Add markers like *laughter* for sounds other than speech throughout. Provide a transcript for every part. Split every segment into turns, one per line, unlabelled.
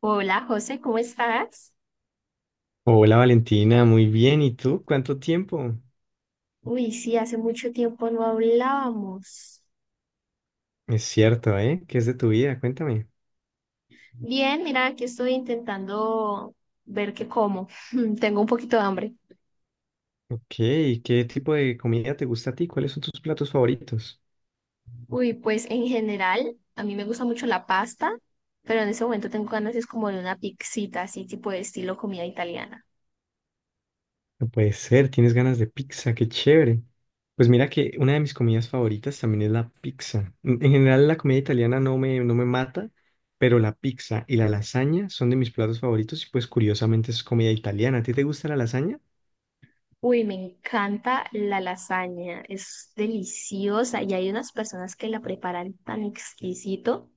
Hola, José, ¿cómo estás?
Hola Valentina, muy bien. ¿Y tú? ¿Cuánto tiempo?
Uy, sí, hace mucho tiempo no hablábamos.
Es cierto, ¿eh? ¿Qué es de tu vida? Cuéntame.
Bien, mira, aquí estoy intentando ver qué como. *laughs* Tengo un poquito de hambre.
Ok, ¿qué tipo de comida te gusta a ti? ¿Cuáles son tus platos favoritos?
Uy, pues en general, a mí me gusta mucho la pasta, pero en ese momento tengo ganas es como de una pixita, así tipo de estilo comida italiana.
No puede ser, tienes ganas de pizza, qué chévere. Pues mira que una de mis comidas favoritas también es la pizza. En general la comida italiana no me mata, pero la pizza y la lasaña son de mis platos favoritos y pues curiosamente es comida italiana. ¿A ti te gusta la lasaña?
Uy, me encanta la lasaña, es deliciosa y hay unas personas que la preparan tan exquisito.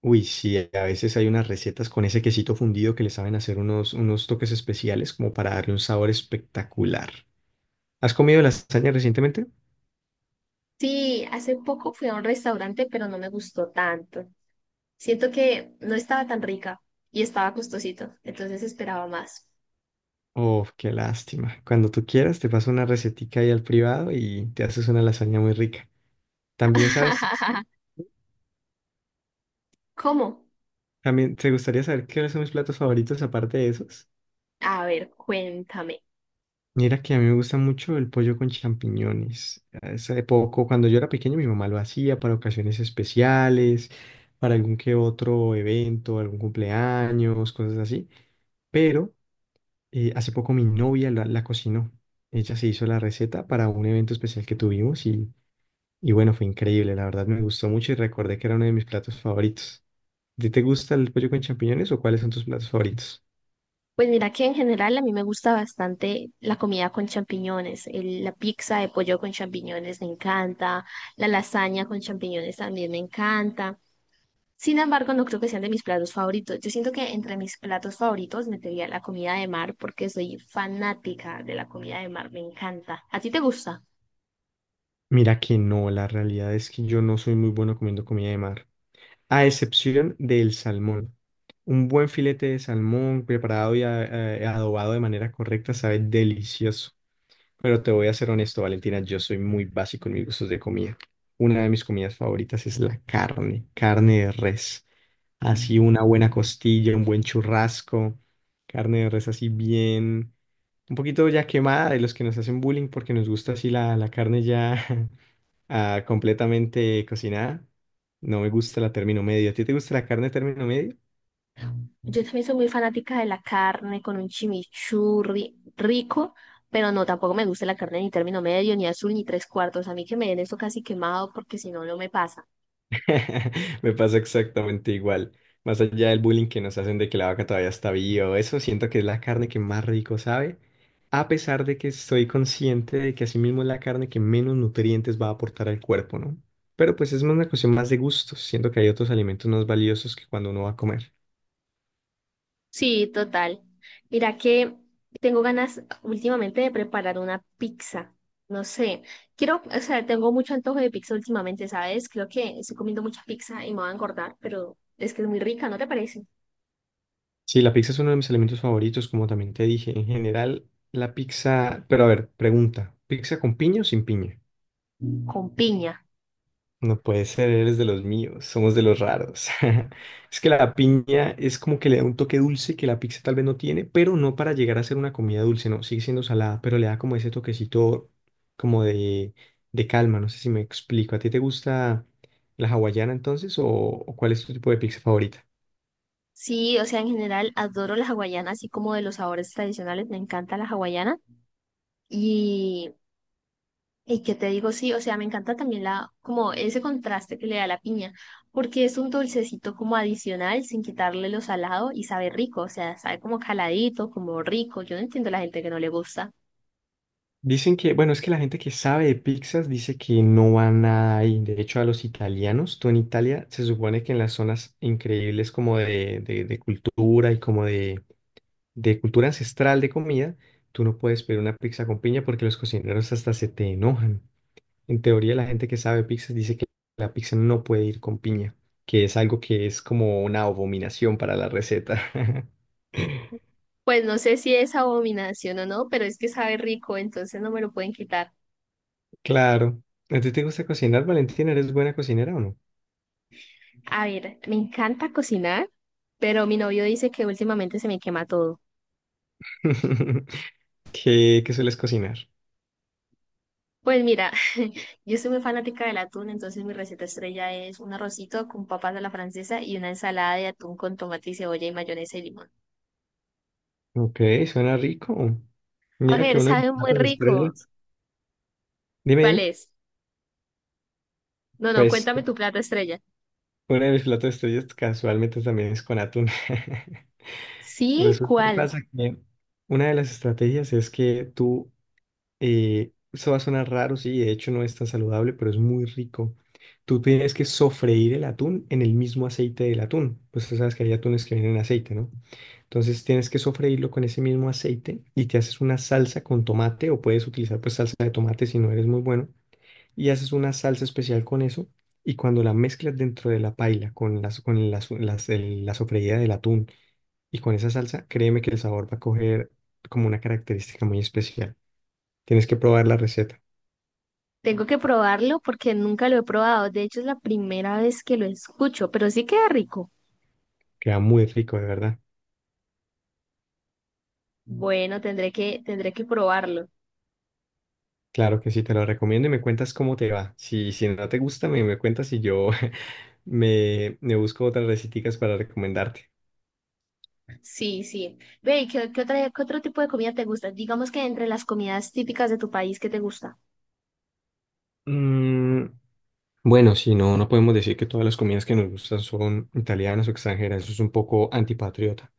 Uy, sí, a veces hay unas recetas con ese quesito fundido que le saben hacer unos toques especiales como para darle un sabor espectacular. ¿Has comido lasaña recientemente?
Sí, hace poco fui a un restaurante, pero no me gustó tanto. Siento que no estaba tan rica y estaba costosito, entonces esperaba más.
Oh, qué lástima. Cuando tú quieras, te paso una recetica ahí al privado y te haces una lasaña muy rica. También sabes,
*laughs* ¿Cómo?
también te gustaría saber qué son mis platos favoritos aparte de esos.
A ver, cuéntame.
Mira que a mí me gusta mucho el pollo con champiñones. Hace poco, cuando yo era pequeño, mi mamá lo hacía para ocasiones especiales, para algún que otro evento, algún cumpleaños, cosas así. Pero hace poco mi novia la cocinó. Ella se hizo la receta para un evento especial que tuvimos y bueno, fue increíble. La verdad me gustó mucho y recordé que era uno de mis platos favoritos. ¿A ti te gusta el pollo con champiñones o cuáles son tus platos favoritos?
Pues mira que en general a mí me gusta bastante la comida con champiñones, la pizza de pollo con champiñones me encanta, la lasaña con champiñones también me encanta. Sin embargo, no creo que sean de mis platos favoritos. Yo siento que entre mis platos favoritos metería la comida de mar porque soy fanática de la comida de mar, me encanta. ¿A ti te gusta?
Mira que no, la realidad es que yo no soy muy bueno comiendo comida de mar, a excepción del salmón. Un buen filete de salmón preparado y adobado de manera correcta sabe delicioso. Pero te voy a ser honesto, Valentina, yo soy muy básico en mis gustos de comida. Una de mis comidas favoritas es la carne, carne de res. Así una buena costilla, un buen churrasco, carne de res así bien un poquito ya quemada de los que nos hacen bullying porque nos gusta así la carne ya *laughs* ah, completamente cocinada. No me gusta la término medio. ¿A ti te gusta la carne término medio?
Yo también soy muy fanática de la carne con un chimichurri rico, pero no, tampoco me gusta la carne ni término medio, ni azul, ni tres cuartos. A mí que me den eso casi quemado porque si no, no me pasa.
*laughs* Me pasa exactamente igual. Más allá del bullying que nos hacen de que la vaca todavía está viva, o eso siento que es la carne que más rico sabe, a pesar de que estoy consciente de que asimismo es la carne que menos nutrientes va a aportar al cuerpo, ¿no? Pero pues es más una cuestión más de gustos, siento que hay otros alimentos más valiosos que cuando uno va a comer.
Sí, total. Mira que tengo ganas últimamente de preparar una pizza. No sé, quiero, o sea, tengo mucho antojo de pizza últimamente, ¿sabes? Creo que estoy comiendo mucha pizza y me voy a engordar, pero es que es muy rica, ¿no te parece?
Sí, la pizza es uno de mis alimentos favoritos, como también te dije. En general, la pizza. Pero a ver, pregunta: ¿pizza con piña o sin piña?
Con piña.
No puede ser, eres de los míos, somos de los raros. *laughs* Es que la piña es como que le da un toque dulce que la pizza tal vez no tiene, pero no para llegar a ser una comida dulce, no, sigue siendo salada, pero le da como ese toquecito como de calma. No sé si me explico. ¿A ti te gusta la hawaiana entonces o cuál es tu tipo de pizza favorita?
Sí, o sea, en general adoro las hawaianas, así como de los sabores tradicionales, me encanta la hawaiana. Y, y qué te digo, sí, o sea, me encanta también la, como ese contraste que le da la piña, porque es un dulcecito como adicional, sin quitarle lo salado y sabe rico, o sea, sabe como caladito, como rico. Yo no entiendo a la gente que no le gusta.
Dicen que, bueno, es que la gente que sabe de pizzas dice que no va nada ahí. De hecho, a los italianos, tú en Italia, se supone que en las zonas increíbles como de cultura y como de cultura ancestral de comida, tú no puedes pedir una pizza con piña porque los cocineros hasta se te enojan. En teoría, la gente que sabe de pizzas dice que la pizza no puede ir con piña, que es algo que es como una abominación para la receta. *laughs*
Pues no sé si es abominación o no, pero es que sabe rico, entonces no me lo pueden quitar.
Claro. ¿A ti te gusta cocinar, Valentina? ¿Eres buena cocinera o no?
A ver, me encanta cocinar, pero mi novio dice que últimamente se me quema todo.
*laughs* ¿Qué, qué sueles cocinar?
Pues mira, *laughs* yo soy muy fanática del atún, entonces mi receta estrella es un arrocito con papas a la francesa y una ensalada de atún con tomate y cebolla y mayonesa y limón.
Ok, suena rico.
A
Mira que
ver, *laughs*
uno de mis
sabe muy
platos de
rico.
estrellas. Dime,
¿Cuál
dime.
es? No, no,
Pues
cuéntame tu plato estrella.
uno de mis platos de estrellas casualmente también es con atún. *laughs*
Sí,
Resulta que
¿cuál?
pasa que una de las estrategias es que tú eso va a sonar raro, sí, de hecho no es tan saludable, pero es muy rico. Tú tienes que sofreír el atún en el mismo aceite del atún. Pues tú sabes que hay atunes que vienen en aceite, ¿no? Entonces tienes que sofreírlo con ese mismo aceite y te haces una salsa con tomate o puedes utilizar pues salsa de tomate si no eres muy bueno y haces una salsa especial con eso y cuando la mezclas dentro de la paila con la sofreída del atún y con esa salsa, créeme que el sabor va a coger como una característica muy especial. Tienes que probar la receta.
Tengo que probarlo porque nunca lo he probado. De hecho, es la primera vez que lo escucho, pero sí queda rico.
Queda muy rico, de verdad.
Bueno, tendré que probarlo.
Claro que sí, te lo recomiendo y me cuentas cómo te va. Si, si no te gusta, me cuentas y yo *laughs* me busco otras receticas para recomendarte.
Sí, sí. Ve, ¿ qué otro tipo de comida te gusta? Digamos que entre las comidas típicas de tu país, ¿qué te gusta?
Mm, bueno, si no, no podemos decir que todas las comidas que nos gustan son italianas o extranjeras. Eso es un poco antipatriota.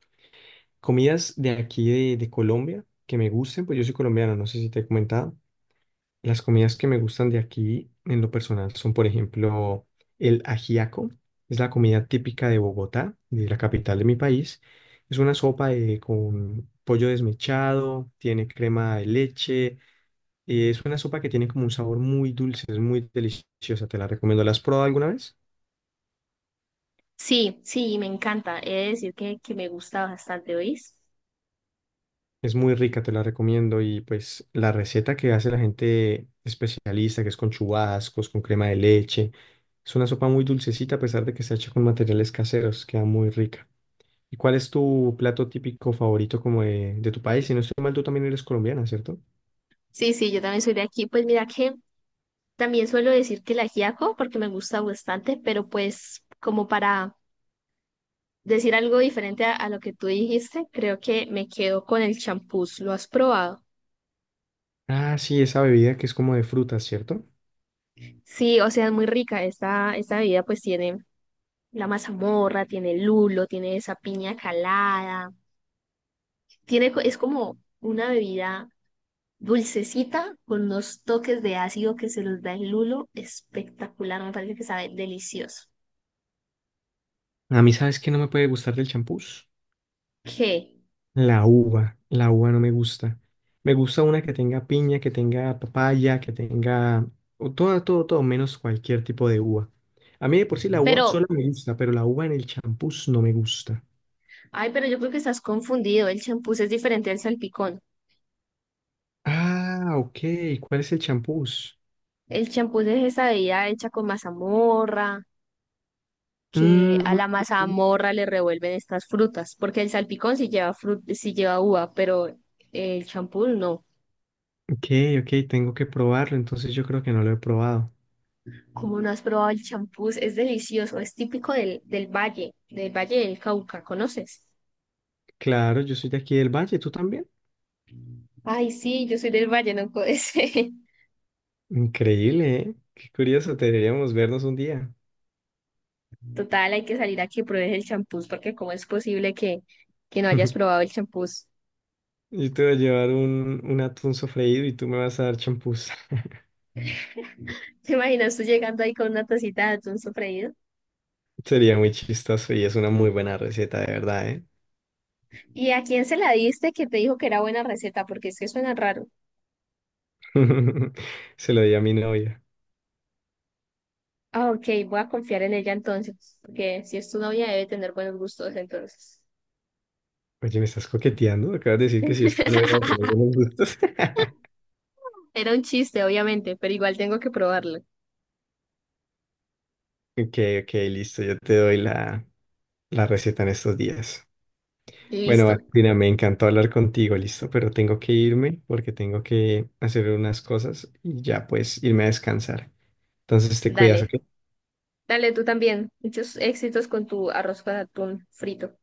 Comidas de aquí de Colombia que me gusten, pues yo soy colombiano, no sé si te he comentado. Las comidas que me gustan de aquí, en lo personal, son, por ejemplo, el ajiaco. Es la comida típica de Bogotá, de la capital de mi país. Es una sopa de- con pollo desmechado, tiene crema de leche. Eh, es una sopa que tiene como un sabor muy dulce, es muy deliciosa. Te la recomiendo. ¿La has probado alguna vez?
Sí, sí, me encanta. He de decir que me gusta bastante, ¿oís?
Es muy rica, te la recomiendo. Y pues la receta que hace la gente especialista, que es con chubascos, con crema de leche, es una sopa muy dulcecita a pesar de que está hecha con materiales caseros, queda muy rica. ¿Y cuál es tu plato típico favorito como de tu país? Si no estoy mal, tú también eres colombiana, ¿cierto?
Sí, sí, yo también soy de aquí. Pues mira que también suelo decir que el ajiaco porque me gusta bastante, pero pues como para decir algo diferente a lo que tú dijiste, creo que me quedo con el champús. ¿Lo has probado?
Ah, sí, esa bebida que es como de frutas, ¿cierto?
Sí, o sea, es muy rica. Esta bebida pues tiene la mazamorra, tiene el lulo, tiene esa piña calada. Es como una bebida dulcecita con unos toques de ácido que se los da el lulo. Espectacular, me parece que sabe delicioso.
A mí, ¿sabes qué no me puede gustar del champús?
¿Qué?
La uva no me gusta. Me gusta una que tenga piña, que tenga papaya, que tenga o todo, todo, todo, menos cualquier tipo de uva. A mí de por sí la uva
Pero,
sola me gusta, pero la uva en el champús no me gusta.
ay, pero yo creo que estás confundido. El champús es diferente al salpicón.
Ah, ok. ¿Cuál es el champús?
El champús es esa bebida hecha con mazamorra, que a
Mm,
la mazamorra le revuelven estas frutas, porque el salpicón sí lleva sí lleva uva, pero el champús no.
ok, ok, tengo que probarlo, entonces yo creo que no lo he probado.
¿Cómo no has probado el champús? Es delicioso, es típico del valle, del valle del Cauca, ¿conoces?
Claro, yo soy de aquí del Valle, ¿tú también?
Ay, sí, yo soy del Valle, no ese.
Increíble, ¿eh? Qué curioso, deberíamos vernos un día.
*laughs* Total, hay que salir a que pruebes el champús, porque cómo es posible que no hayas probado el champús.
Yo te voy a llevar un atún sofreído y tú me vas a dar champús. *laughs*
*laughs* ¿Te imaginas tú llegando ahí con una tacita de atún sofreído?
Sería muy chistoso y es una muy buena receta, de verdad, ¿eh?
¿Y a quién se la diste que te dijo que era buena receta? Porque es que suena raro.
*laughs* Se lo di a mi novia.
Ah, ok, voy a confiar en ella entonces, porque si es tu novia debe tener buenos gustos entonces.
Oye, ¿me estás coqueteando? Acabas de decir que si esto no era de tener
*laughs*
unos gustos. *laughs*
Era un chiste, obviamente, pero igual tengo que probarlo.
Ok, ok, listo. Yo te doy la receta en estos días.
Y
Bueno,
listo.
Valentina, me encantó hablar contigo, listo, pero tengo que irme porque tengo que hacer unas cosas y ya pues irme a descansar. Entonces te cuidas,
Dale,
¿ok?
dale tú también. Muchos éxitos con tu arroz con atún frito.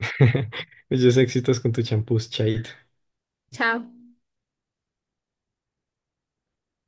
*laughs* Muchos éxitos con tu champús, chaito.
Chao.